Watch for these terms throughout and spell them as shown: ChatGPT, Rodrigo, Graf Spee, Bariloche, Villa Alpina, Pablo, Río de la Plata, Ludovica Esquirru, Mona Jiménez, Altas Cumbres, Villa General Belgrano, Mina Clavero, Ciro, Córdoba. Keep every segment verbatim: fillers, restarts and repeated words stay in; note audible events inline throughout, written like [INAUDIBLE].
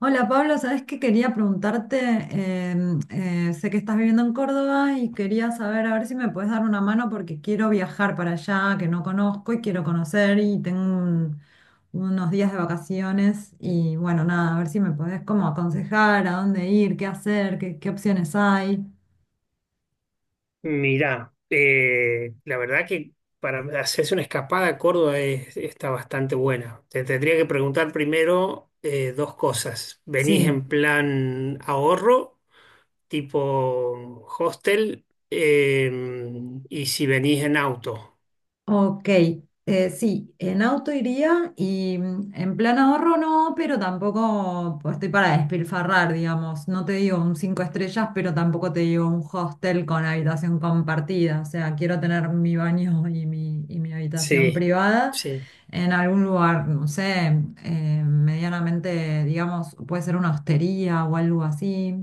Hola Pablo, sabes que quería preguntarte, em, eh, sé que estás viviendo en Córdoba y quería saber a ver si me puedes dar una mano porque quiero viajar para allá, que no conozco y quiero conocer y tengo un- unos días de vacaciones y bueno, nada, a ver si me podés como aconsejar a dónde ir, qué hacer, qué, qué opciones hay. Mirá, eh, la verdad que para hacerse una escapada a Córdoba es- está bastante buena. Te tendría que preguntar primero eh, dos cosas. ¿Venís Sí. en plan ahorro, tipo hostel? Eh, ¿y si venís en auto? Ok, eh, sí, en auto iría y mm, en plan ahorro no, pero tampoco pues, estoy para despilfarrar, digamos. No te digo un cinco estrellas, pero tampoco te digo un hostel con habitación compartida. O sea, quiero tener mi baño y mi, y mi habitación Sí, privada sí. en algún lugar, no sé, eh, medianamente, digamos, puede ser una hostería o algo así.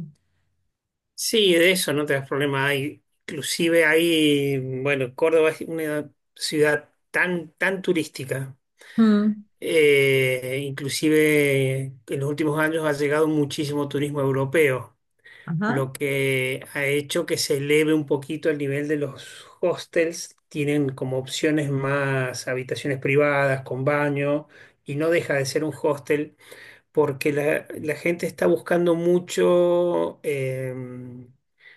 Sí, de eso no te das problema. Hay, inclusive hay, bueno, Córdoba es una ciudad tan, tan turística. Mm. Eh, inclusive en los últimos años ha llegado muchísimo turismo europeo, Ajá. lo que ha hecho que se eleve un poquito el nivel de los hostels. Tienen como opciones más habitaciones privadas con baño y no deja de ser un hostel porque la, la gente está buscando mucho em,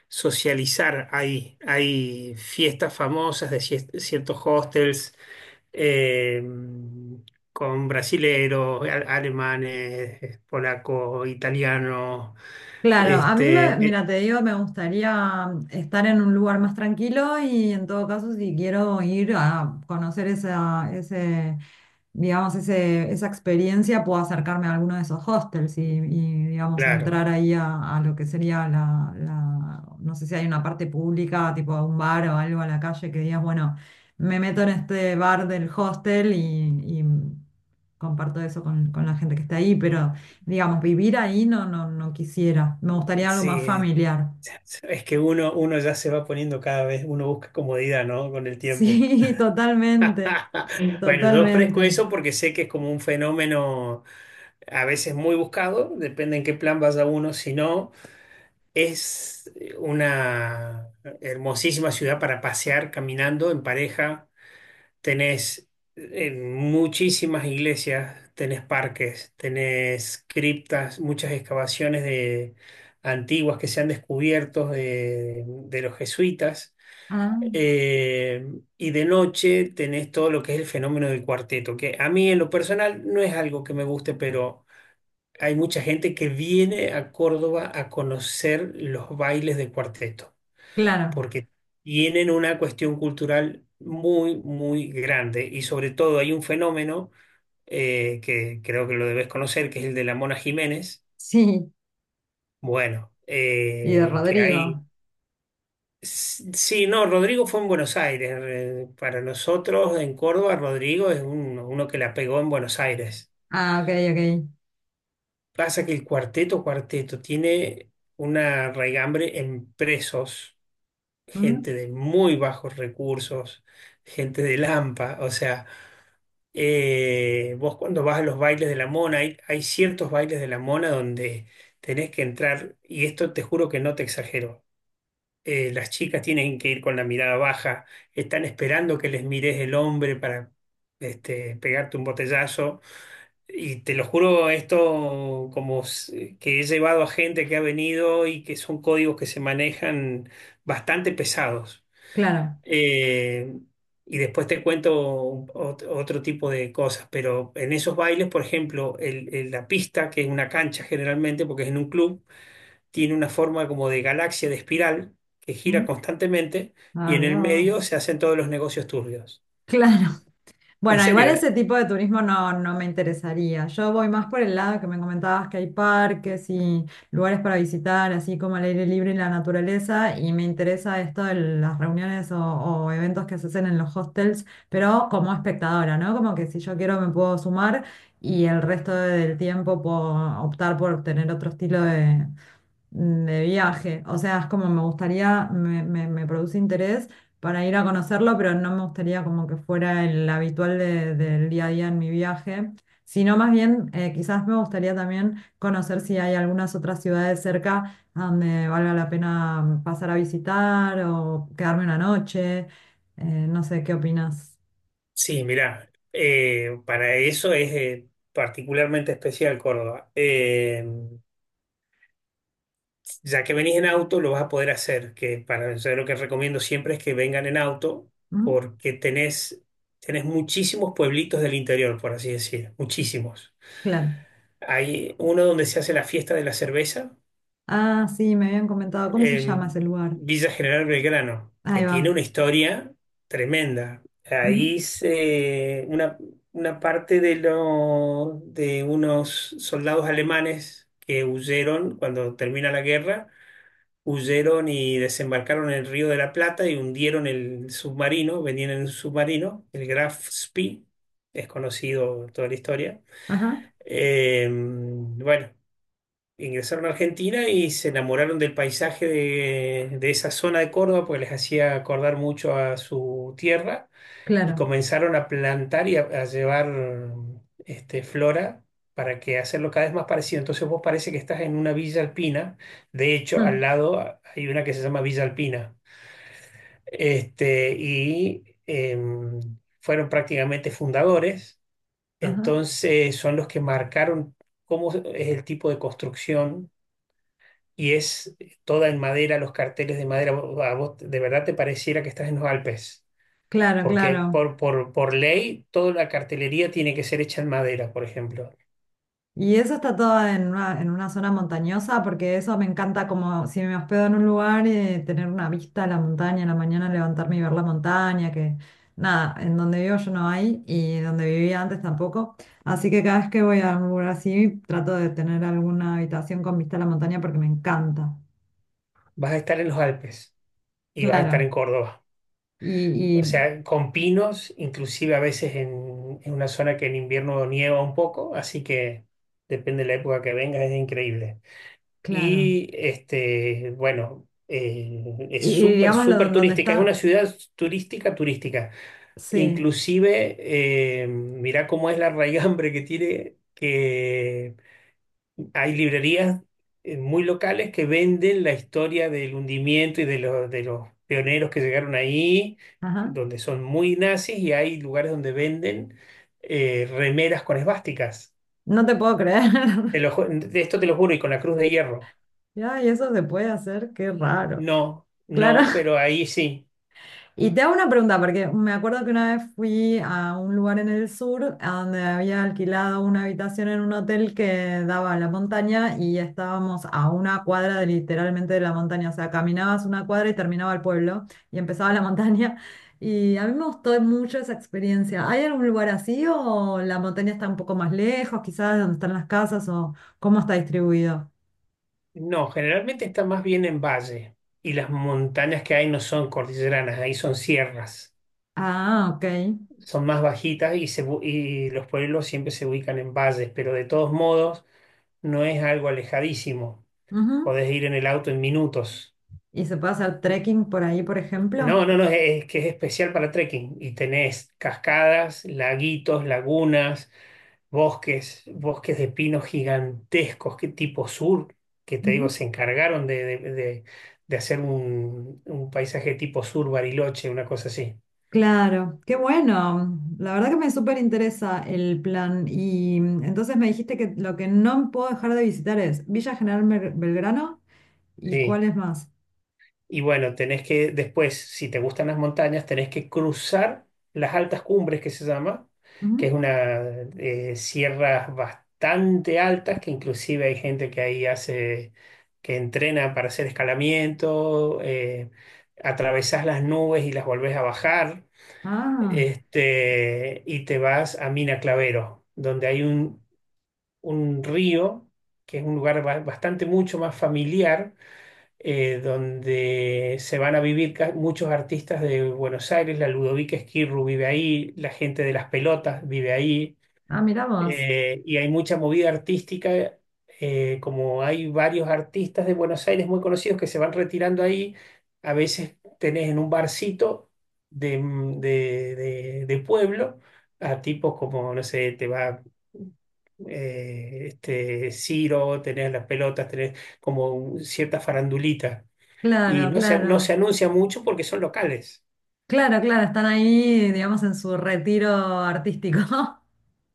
socializar ahí. Hay fiestas famosas de cier- ciertos hostels eh, con brasileros, a- alemanes, polacos, italianos. Claro, a mí me, Este, eh, mira, te digo, me gustaría um, estar en un lugar más tranquilo y en todo caso, si quiero ir a conocer esa, ese, digamos, ese, esa experiencia, puedo acercarme a alguno de esos hostels y, y, digamos, claro, entrar ahí a, a lo que sería la, la- no sé si hay una parte pública, tipo a un bar o algo a la calle que digas, bueno, me meto en este bar del hostel y, y comparto eso con, con la gente que está ahí, pero... Digamos, vivir ahí no, no, no quisiera. Me gustaría algo más sí, familiar. es que uno, uno ya se va poniendo cada vez, uno busca comodidad, ¿no? Con el tiempo. Sí, [LAUGHS] [LAUGHS] totalmente, Bueno, yo ofrezco totalmente. eso porque sé que es como un fenómeno a veces muy buscado, depende en qué plan vaya uno, si no, es una hermosísima ciudad para pasear caminando en pareja. Tenés eh, muchísimas iglesias, tenés parques, tenés criptas, muchas excavaciones de antiguas que se han descubierto de, de los jesuitas. Ah, Eh, y de noche tenés todo lo que es el fenómeno del cuarteto, que a mí en lo personal no es algo que me guste, pero hay mucha gente que viene a Córdoba a conocer los bailes de cuarteto claro, porque tienen una cuestión cultural muy, muy grande y sobre todo hay un fenómeno eh, que creo que lo debes conocer, que es el de la Mona Jiménez. sí. Bueno, Y de eh, que Rodrigo. hay... s- Sí, no, Rodrigo fue en Buenos Aires. eh, Para nosotros en Córdoba, Rodrigo es uno, uno que la pegó en Buenos Aires. Ah, ok, ok. Pasa que el cuarteto, cuarteto, tiene una raigambre en presos, Mm. gente de muy bajos recursos, gente de Lampa, o sea, Eh, vos cuando vas a los bailes de la mona, hay, hay ciertos bailes de la mona donde tenés que entrar, y esto te juro que no te exagero. Eh, las chicas tienen que ir con la mirada baja, están esperando que les mires el hombre para este, pegarte un botellazo. Y te lo juro, esto como s- que he llevado a gente que ha venido y que son códigos que se manejan bastante pesados. Claro. Eh, y después te cuento ot- otro tipo de cosas, pero en esos bailes, por ejemplo, el- el- la pista, que es una cancha generalmente, porque es en un club, tiene una forma como de galaxia, de espiral, que gira Mm. constantemente y Ah, en el mira medio vos. se hacen todos los negocios turbios. Claro. En Bueno, igual serio, ¿eh? ese tipo de turismo no, no me interesaría. Yo voy más por el lado que me comentabas que hay parques y lugares para visitar, así como el aire libre y la naturaleza, y me interesa esto de las reuniones o, o eventos que se hacen en los hostels, pero como espectadora, ¿no? Como que si yo quiero me puedo sumar y el resto del tiempo puedo optar por tener otro estilo de de viaje. O sea, es como me gustaría, me, me- me produce interés para ir a conocerlo, pero no me gustaría como que fuera el habitual de- del día a día en mi viaje, sino más bien eh, quizás me gustaría también conocer si hay algunas otras ciudades cerca a donde valga la pena pasar a visitar o quedarme una noche. Eh, no sé, ¿qué opinas? Sí, mirá, eh, para eso es eh, particularmente especial Córdoba. Eh, Ya que venís en auto, lo vas a poder hacer, que para eso lo que recomiendo siempre es que vengan en auto, ¿Mm? porque tenés, tenés muchísimos pueblitos del interior, por así decir, muchísimos. Claro. Hay uno donde se hace la fiesta de la cerveza Ah, sí, me habían comentado. ¿Cómo se llama ese en lugar? Villa General Belgrano, que Ahí va. tiene una historia tremenda. Ujú. Ahí se, una, una parte de, lo, de unos soldados alemanes que huyeron cuando termina la guerra, huyeron y desembarcaron en el Río de la Plata y hundieron el submarino, venían en un submarino, el Graf Spee, es conocido toda la historia. Ajá, Eh, bueno, ingresaron a Argentina y se enamoraron del paisaje de, de esa zona de Córdoba, porque les hacía acordar mucho a su tierra y claro. comenzaron a plantar y a, a llevar este, flora para que hacerlo cada vez más parecido. Entonces vos parece que estás en una villa alpina. De hecho, al Mm. lado ah, hay una que se llama Villa Alpina. Este, y em, fueron prácticamente fundadores. Ajá. Entonces son los que marcaron cómo es el tipo de construcción. Y es toda en madera, los carteles de madera. Vos- A vos de verdad te pareciera que estás en los Alpes. Claro, Porque claro. por, por, por ley toda la cartelería tiene que ser hecha en madera, por ejemplo. Y eso está todo en una, en una zona montañosa, porque eso me encanta como si me hospedo en un lugar y tener una vista a la montaña, en la mañana levantarme y ver la montaña, que nada, en donde vivo yo no hay y donde vivía antes tampoco. Así que cada vez que voy a un lugar así, trato de tener alguna habitación con vista a la montaña porque me encanta. Vas a estar en los Alpes y vas a estar en Claro. Córdoba. Y, O y sea, con pinos, inclusive a veces en, en una zona que en invierno nieva un poco, así que depende de la época que vengas, es increíble. claro. Y este, bueno, eh, es Y, y súper, digámoslo súper don- donde turística, es una está, ciudad turística, turística. sí. Inclusive, eh, mirá cómo es la raigambre que tiene, que hay librerías eh, muy locales que venden la historia del hundimiento y de, lo- de los pioneros que llegaron ahí, Ajá. donde son muy nazis, y hay lugares donde venden eh, remeras con esvásticas. No te puedo creer. Te [LAUGHS] lo ju- de esto te lo juro, y con la cruz de hierro. Ya, y eso se puede hacer, qué raro. No, Claro. no, pero [LAUGHS] ahí sí. Y te hago una pregunta, porque me acuerdo que una vez fui a un lugar en el sur a donde había alquilado una habitación en un hotel que daba a la montaña y estábamos a una cuadra de, literalmente de la montaña. O sea, caminabas una cuadra y terminaba el pueblo y empezaba la montaña. Y a mí me gustó mucho esa experiencia. ¿Hay algún lugar así o la montaña está un poco más lejos, quizás de donde están las casas o cómo está distribuido? No, generalmente está más bien en valle. Y las montañas que hay no son cordilleranas, ahí son sierras. Ah, ok. Son más bajitas y, se bu- y los pueblos siempre se ubican en valles, pero de todos modos no es algo alejadísimo. Ujú. Podés ir en el auto en minutos. ¿Y se puede hacer trekking por ahí, por No, ejemplo? no, no, es, que es especial para trekking y tenés cascadas, laguitos, lagunas, bosques, bosques de pinos gigantescos, que tipo sur, que te Ujú. digo, se encargaron de, de- de- de hacer un, un paisaje tipo sur Bariloche, una cosa así. Claro, qué bueno. La verdad que me súper interesa el plan. Y mm, entonces me dijiste que lo que no puedo dejar de visitar es Villa General Bel- Belgrano y Sí. cuál es más. Y bueno, tenés que después, si te gustan las montañas, tenés que cruzar las altas cumbres que se llama, que es Ujú. una eh, sierras bastante altas, que inclusive hay gente que ahí hace, que entrena para hacer escalamiento, eh, atravesás las nubes y las volvés a bajar, Ah, este, y te vas a Mina Clavero, donde hay un, un río, que es un lugar ba- bastante mucho más familiar, eh, donde se van a vivir ca- muchos artistas de Buenos Aires, la Ludovica Esquirru vive ahí, la gente de las pelotas vive ahí, ah, mirá vos. eh, y hay mucha movida artística, eh, como hay varios artistas de Buenos Aires muy conocidos que se van retirando ahí, a veces tenés en un barcito de, de- de- de pueblo a tipos como, no sé, te va... eh, este Ciro, tenés las pelotas, tenés como un- cierta farandulita. Y Claro, no se, no se claro. anuncia mucho porque son locales. Claro, claro, están ahí, digamos, en su retiro artístico. [LAUGHS]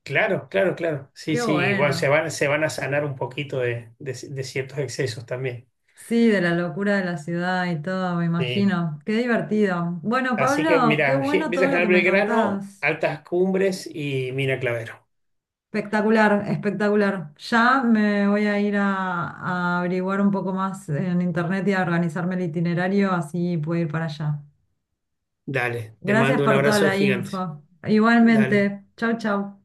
Claro, claro, claro. Sí, Qué sí, y bueno, se bueno. van, se van a sanar un poquito de, de- de ciertos excesos también. Sí, de la locura de la ciudad y todo, me Sí. imagino. Qué divertido. Bueno, Así que Pablo, qué mira, Ge- bueno Villa todo lo General que me Belgrano, contás. Altas Cumbres y Mina Clavero. Espectacular, espectacular. Ya me voy a ir a, a averiguar un poco más en internet y a organizarme el itinerario, así puedo ir para allá. Dale, te Gracias mando un por toda abrazo la gigante. info. Dale. Igualmente, chau, chau.